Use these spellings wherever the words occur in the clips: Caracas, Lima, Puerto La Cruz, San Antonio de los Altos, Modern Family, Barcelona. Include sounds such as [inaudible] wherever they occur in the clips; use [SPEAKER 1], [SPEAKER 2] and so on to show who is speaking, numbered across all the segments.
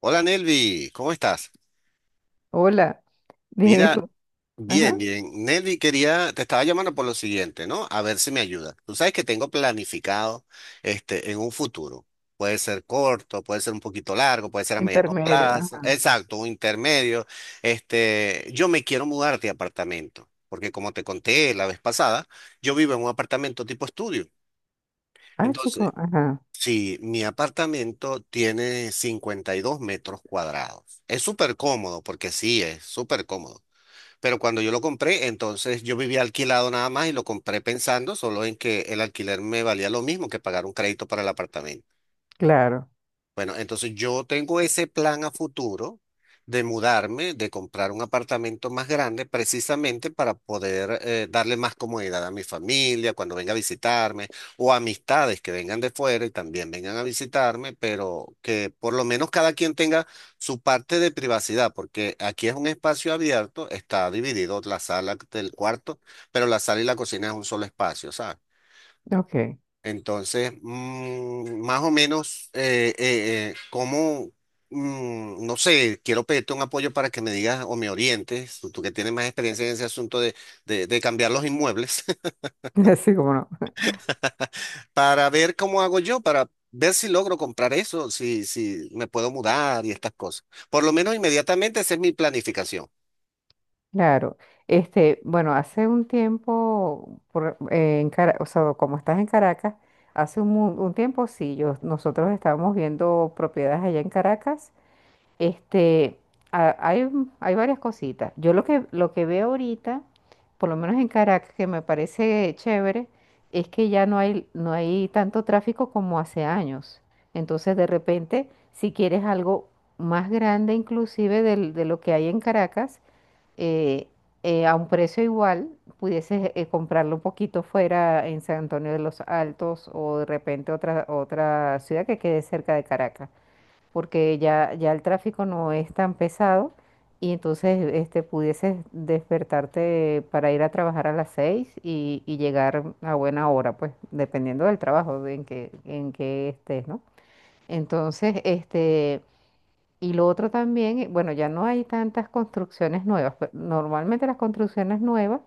[SPEAKER 1] Hola Nelvi, ¿cómo estás?
[SPEAKER 2] Hola, [laughs] dije
[SPEAKER 1] Mira,
[SPEAKER 2] tú.
[SPEAKER 1] bien,
[SPEAKER 2] Ajá,
[SPEAKER 1] bien. Nelvi, te estaba llamando por lo siguiente, ¿no? A ver si me ayuda. Tú sabes que tengo planificado en un futuro. Puede ser corto, puede ser un poquito largo, puede ser a mediano
[SPEAKER 2] intermedio.
[SPEAKER 1] plazo.
[SPEAKER 2] Ajá.
[SPEAKER 1] Exacto, un intermedio. Yo me quiero mudar de apartamento, porque como te conté la vez pasada, yo vivo en un apartamento tipo estudio.
[SPEAKER 2] Ah,
[SPEAKER 1] Entonces,
[SPEAKER 2] chico, ajá,
[SPEAKER 1] sí, mi apartamento tiene 52 metros cuadrados. Es súper cómodo, porque sí, es súper cómodo. Pero cuando yo lo compré, entonces yo vivía alquilado nada más y lo compré pensando solo en que el alquiler me valía lo mismo que pagar un crédito para el apartamento.
[SPEAKER 2] claro.
[SPEAKER 1] Bueno, entonces yo tengo ese plan a futuro de mudarme, de comprar un apartamento más grande, precisamente para poder darle más comodidad a mi familia cuando venga a visitarme o amistades que vengan de fuera y también vengan a visitarme, pero que por lo menos cada quien tenga su parte de privacidad, porque aquí es un espacio abierto, está dividido la sala del cuarto, pero la sala y la cocina es un solo espacio, ¿sabes?
[SPEAKER 2] Ok,
[SPEAKER 1] Entonces, más o menos, cómo, no sé, quiero pedirte un apoyo para que me digas o me orientes, tú que tienes más experiencia en ese asunto de cambiar los inmuebles,
[SPEAKER 2] [laughs] así como no.
[SPEAKER 1] [laughs] para ver cómo hago yo, para ver si logro comprar eso, si me puedo mudar y estas cosas. Por lo menos inmediatamente, esa es mi planificación.
[SPEAKER 2] Claro. Este, bueno, hace un tiempo, o sea, como estás en Caracas, hace un tiempo sí, nosotros estábamos viendo propiedades allá en Caracas. Este, a- hay, hay varias cositas. Yo lo que veo ahorita, por lo menos en Caracas, que me parece chévere, es que ya no hay tanto tráfico como hace años. Entonces, de repente, si quieres algo más grande inclusive de, lo que hay en Caracas, eh, a un precio igual, pudieses comprarlo un poquito fuera en San Antonio de los Altos o de repente otra ciudad que quede cerca de Caracas porque ya el tráfico no es tan pesado y entonces este, pudieses despertarte para ir a trabajar a las 6 y llegar a buena hora, pues dependiendo del trabajo de en que estés, ¿no? Entonces, este, y lo otro también, bueno, ya no hay tantas construcciones nuevas. Normalmente las construcciones nuevas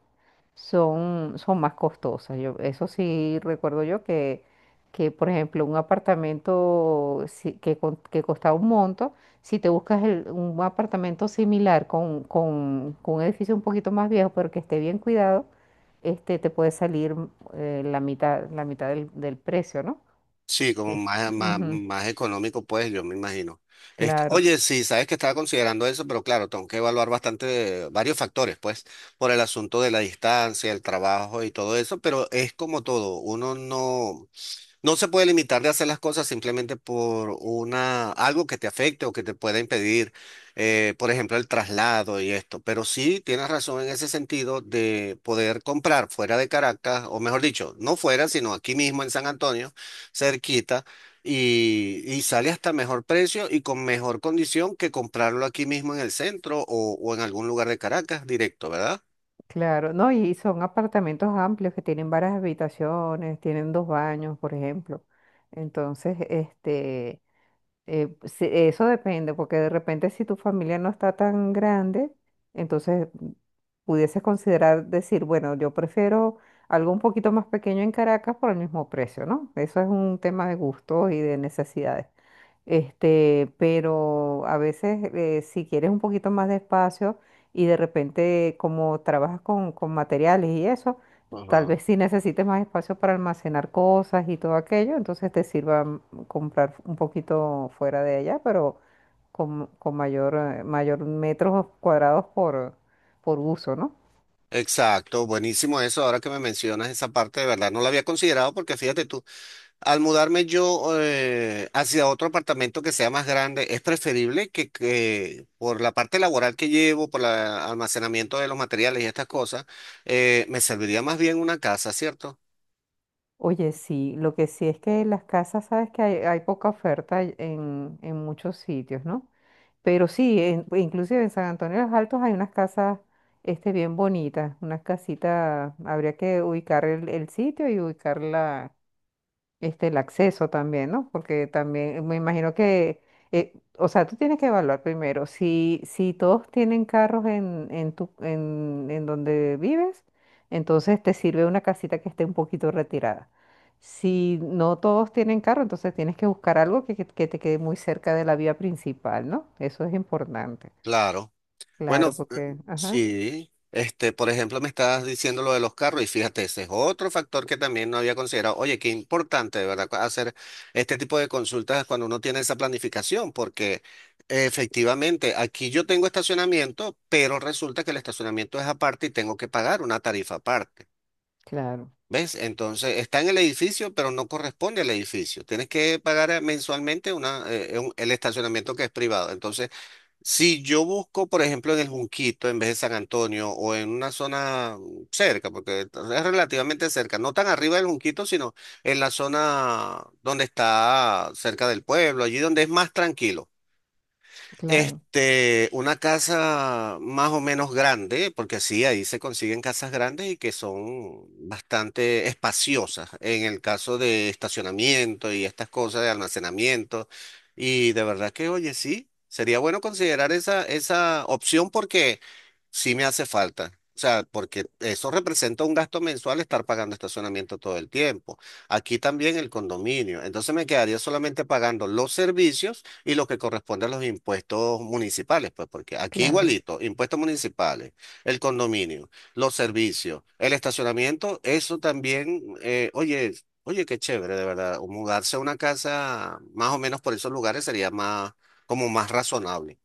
[SPEAKER 2] son más costosas. Yo, eso sí recuerdo yo que, por ejemplo, un apartamento que costaba un monto, si te buscas un apartamento similar con un edificio un poquito más viejo, pero que esté bien cuidado, este, te puede salir la mitad del precio, ¿no?
[SPEAKER 1] Sí, como
[SPEAKER 2] Sí.
[SPEAKER 1] más, más,
[SPEAKER 2] Ujú,
[SPEAKER 1] más económico, pues yo me imagino.
[SPEAKER 2] claro.
[SPEAKER 1] Oye, sí, sabes que estaba considerando eso, pero claro, tengo que evaluar bastante, varios factores, pues, por el asunto de la distancia, el trabajo y todo eso, pero es como todo, uno no. No se puede limitar de hacer las cosas simplemente algo que te afecte o que te pueda impedir, por ejemplo, el traslado y esto. Pero sí tienes razón en ese sentido de poder comprar fuera de Caracas, o mejor dicho, no fuera, sino aquí mismo en San Antonio, cerquita, y, sale hasta mejor precio y con mejor condición que comprarlo aquí mismo en el centro o en algún lugar de Caracas directo, ¿verdad?
[SPEAKER 2] Claro, no, y son apartamentos amplios que tienen varias habitaciones, tienen dos baños, por ejemplo. Entonces, este, sí, eso depende, porque de repente si tu familia no está tan grande, entonces pudieses considerar decir, bueno, yo prefiero algo un poquito más pequeño en Caracas por el mismo precio, ¿no? Eso es un tema de gustos y de necesidades. Este, pero a veces si quieres un poquito más de espacio y de repente como trabajas con materiales y eso, tal
[SPEAKER 1] Ajá.
[SPEAKER 2] vez si necesites más espacio para almacenar cosas y todo aquello, entonces te sirva comprar un poquito fuera de allá, pero con mayor, mayor metros cuadrados por uso, ¿no?
[SPEAKER 1] Exacto, buenísimo eso. Ahora que me mencionas esa parte, de verdad no la había considerado porque fíjate tú. Al mudarme yo hacia otro apartamento que sea más grande, es preferible que por la parte laboral que llevo, por el almacenamiento de los materiales y estas cosas, me serviría más bien una casa, ¿cierto?
[SPEAKER 2] Oye, sí, lo que sí es que las casas, sabes que hay poca oferta en muchos sitios, ¿no? Pero sí, pues, inclusive en San Antonio de los Altos hay unas casas este, bien bonitas, unas casitas, habría que ubicar el sitio y ubicarla este, el acceso también, ¿no? Porque también me imagino que, o sea, tú tienes que evaluar primero si todos tienen carros en donde vives, entonces te sirve una casita que esté un poquito retirada. Si no todos tienen carro, entonces tienes que buscar algo que te quede muy cerca de la vía principal, ¿no? Eso es importante.
[SPEAKER 1] Claro. Bueno,
[SPEAKER 2] Claro, porque, ajá,
[SPEAKER 1] sí, por ejemplo, me estabas diciendo lo de los carros y fíjate, ese es otro factor que también no había considerado. Oye, qué importante, de ¿verdad? Hacer este tipo de consultas cuando uno tiene esa planificación, porque efectivamente aquí yo tengo estacionamiento, pero resulta que el estacionamiento es aparte y tengo que pagar una tarifa aparte.
[SPEAKER 2] claro,
[SPEAKER 1] ¿Ves? Entonces está en el edificio, pero no corresponde al edificio. Tienes que pagar mensualmente el estacionamiento que es privado. Entonces, si yo busco, por ejemplo, en el Junquito en vez de San Antonio o en una zona cerca, porque es relativamente cerca, no tan arriba del Junquito, sino en la zona donde está cerca del pueblo, allí donde es más tranquilo.
[SPEAKER 2] claro,
[SPEAKER 1] Una casa más o menos grande, porque sí, ahí se consiguen casas grandes y que son bastante espaciosas en el caso de estacionamiento y estas cosas de almacenamiento. Y de verdad que, oye, sí, sería bueno considerar esa opción porque sí me hace falta. O sea, porque eso representa un gasto mensual estar pagando estacionamiento todo el tiempo. Aquí también el condominio. Entonces me quedaría solamente pagando los servicios y lo que corresponde a los impuestos municipales, pues porque aquí
[SPEAKER 2] claro.
[SPEAKER 1] igualito, impuestos municipales, el condominio, los servicios, el estacionamiento, eso también, oye, qué chévere, de verdad, o mudarse a una casa más o menos por esos lugares sería más, como más razonable.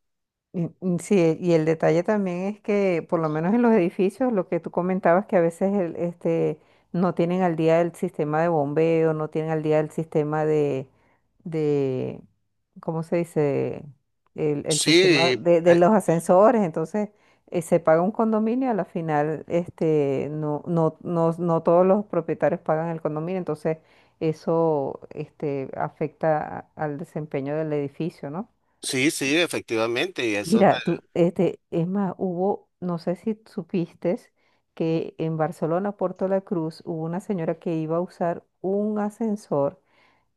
[SPEAKER 2] Mm, mm, sí, y el detalle también es que, por lo menos en los edificios, lo que tú comentabas, que a veces no tienen al día el sistema de bombeo, no tienen al día el sistema de, ¿cómo se dice? El
[SPEAKER 1] Sí,
[SPEAKER 2] sistema de, los ascensores, entonces se paga un condominio, a la final este, no, no, no, no todos los propietarios pagan el condominio, entonces eso este, afecta al desempeño del edificio, ¿no?
[SPEAKER 1] sí, sí, efectivamente, y eso,
[SPEAKER 2] Mira, tú, este, es más, hubo, no sé si supiste que en Barcelona, Puerto La Cruz, hubo una señora que iba a usar un ascensor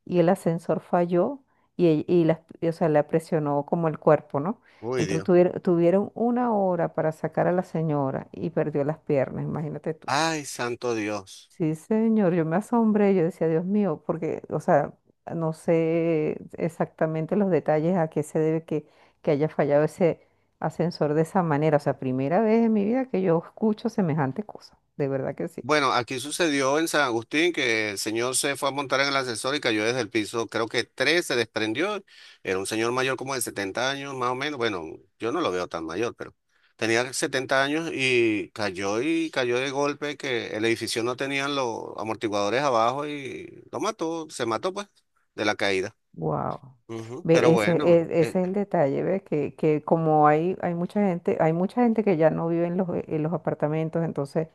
[SPEAKER 2] y el ascensor falló y, o sea, la presionó como el cuerpo, ¿no?
[SPEAKER 1] uy,
[SPEAKER 2] Entonces
[SPEAKER 1] Dios.
[SPEAKER 2] tuvieron una hora para sacar a la señora y perdió las piernas, imagínate tú.
[SPEAKER 1] Ay, santo Dios.
[SPEAKER 2] Sí, señor, yo me asombré, yo decía, Dios mío, porque, o sea, no sé exactamente los detalles a qué se debe que haya fallado ese ascensor de esa manera. O sea, primera vez en mi vida que yo escucho semejante cosa, de verdad que sí.
[SPEAKER 1] Bueno, aquí sucedió en San Agustín que el señor se fue a montar en el ascensor y cayó desde el piso, creo que tres, se desprendió. Era un señor mayor como de 70 años, más o menos. Bueno, yo no lo veo tan mayor, pero tenía 70 años y cayó de golpe que el edificio no tenían los amortiguadores abajo y lo mató, se mató pues de la caída.
[SPEAKER 2] Wow.
[SPEAKER 1] Ujú, pero
[SPEAKER 2] Ve, ese,
[SPEAKER 1] bueno,
[SPEAKER 2] e- ese es el detalle, ¿ves? Que como hay mucha gente, hay mucha gente que ya no vive en en los apartamentos, entonces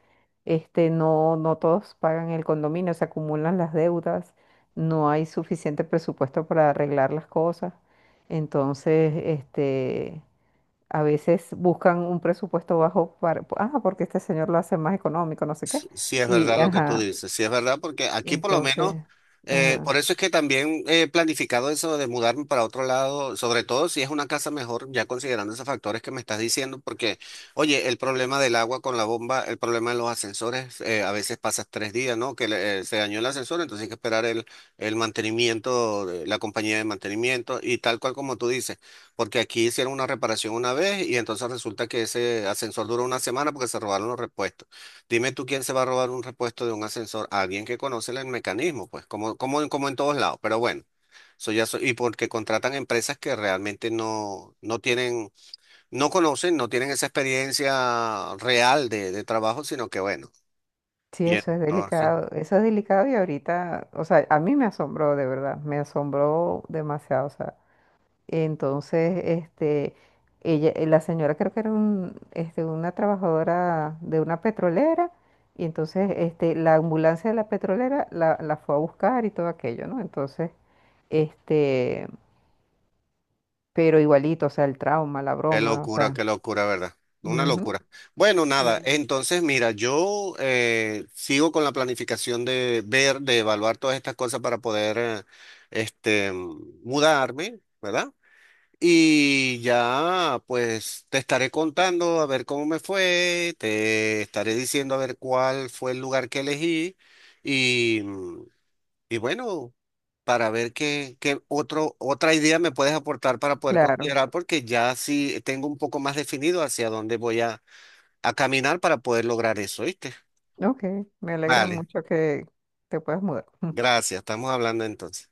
[SPEAKER 2] este, no, no todos pagan el condominio, se acumulan las deudas, no hay suficiente presupuesto para arreglar las cosas. Entonces, este, a veces buscan un presupuesto bajo porque este señor lo hace más económico, no sé qué.
[SPEAKER 1] sí, si es
[SPEAKER 2] Y,
[SPEAKER 1] verdad lo que tú
[SPEAKER 2] ajá,
[SPEAKER 1] dices. Sí, es verdad, porque aquí por lo menos,
[SPEAKER 2] entonces, ajá.
[SPEAKER 1] por eso es que también he planificado eso de mudarme para otro lado, sobre todo si es una casa mejor, ya considerando esos factores que me estás diciendo, porque, oye, el problema del agua con la bomba, el problema de los ascensores, a veces pasas 3 días, ¿no? Que se dañó el ascensor, entonces hay que esperar el mantenimiento, de la compañía de mantenimiento y tal cual como tú dices, porque aquí hicieron una reparación una vez y entonces resulta que ese ascensor duró una semana porque se robaron los repuestos. Dime tú quién se va a robar un repuesto de un ascensor, alguien que conoce el mecanismo, pues, como en todos lados, pero bueno, eso ya y porque contratan empresas que realmente no tienen, no conocen, no tienen esa experiencia real de trabajo, sino que bueno,
[SPEAKER 2] Sí,
[SPEAKER 1] y entonces,
[SPEAKER 2] eso es delicado y ahorita, o sea, a mí me asombró de verdad, me asombró demasiado, o sea, entonces, este, la señora creo que era una trabajadora de una petrolera y entonces, este, la ambulancia de la petrolera la fue a buscar y todo aquello, ¿no? Entonces, este, pero igualito, o sea, el trauma, la broma, o sea,
[SPEAKER 1] qué locura, ¿verdad? Una
[SPEAKER 2] ujú,
[SPEAKER 1] locura. Bueno, nada,
[SPEAKER 2] sí,
[SPEAKER 1] entonces mira, yo sigo con la planificación de ver, de evaluar todas estas cosas para poder, este, mudarme, ¿verdad? Y ya, pues te estaré contando a ver cómo me fue, te estaré diciendo a ver cuál fue el lugar que elegí y, bueno, para ver qué otra idea me puedes aportar para poder
[SPEAKER 2] claro,
[SPEAKER 1] considerar, porque ya sí tengo un poco más definido hacia dónde voy a caminar para poder lograr eso, ¿viste?
[SPEAKER 2] ok, me alegra
[SPEAKER 1] Vale,
[SPEAKER 2] mucho que te puedas mudar. [laughs]
[SPEAKER 1] gracias, estamos hablando entonces.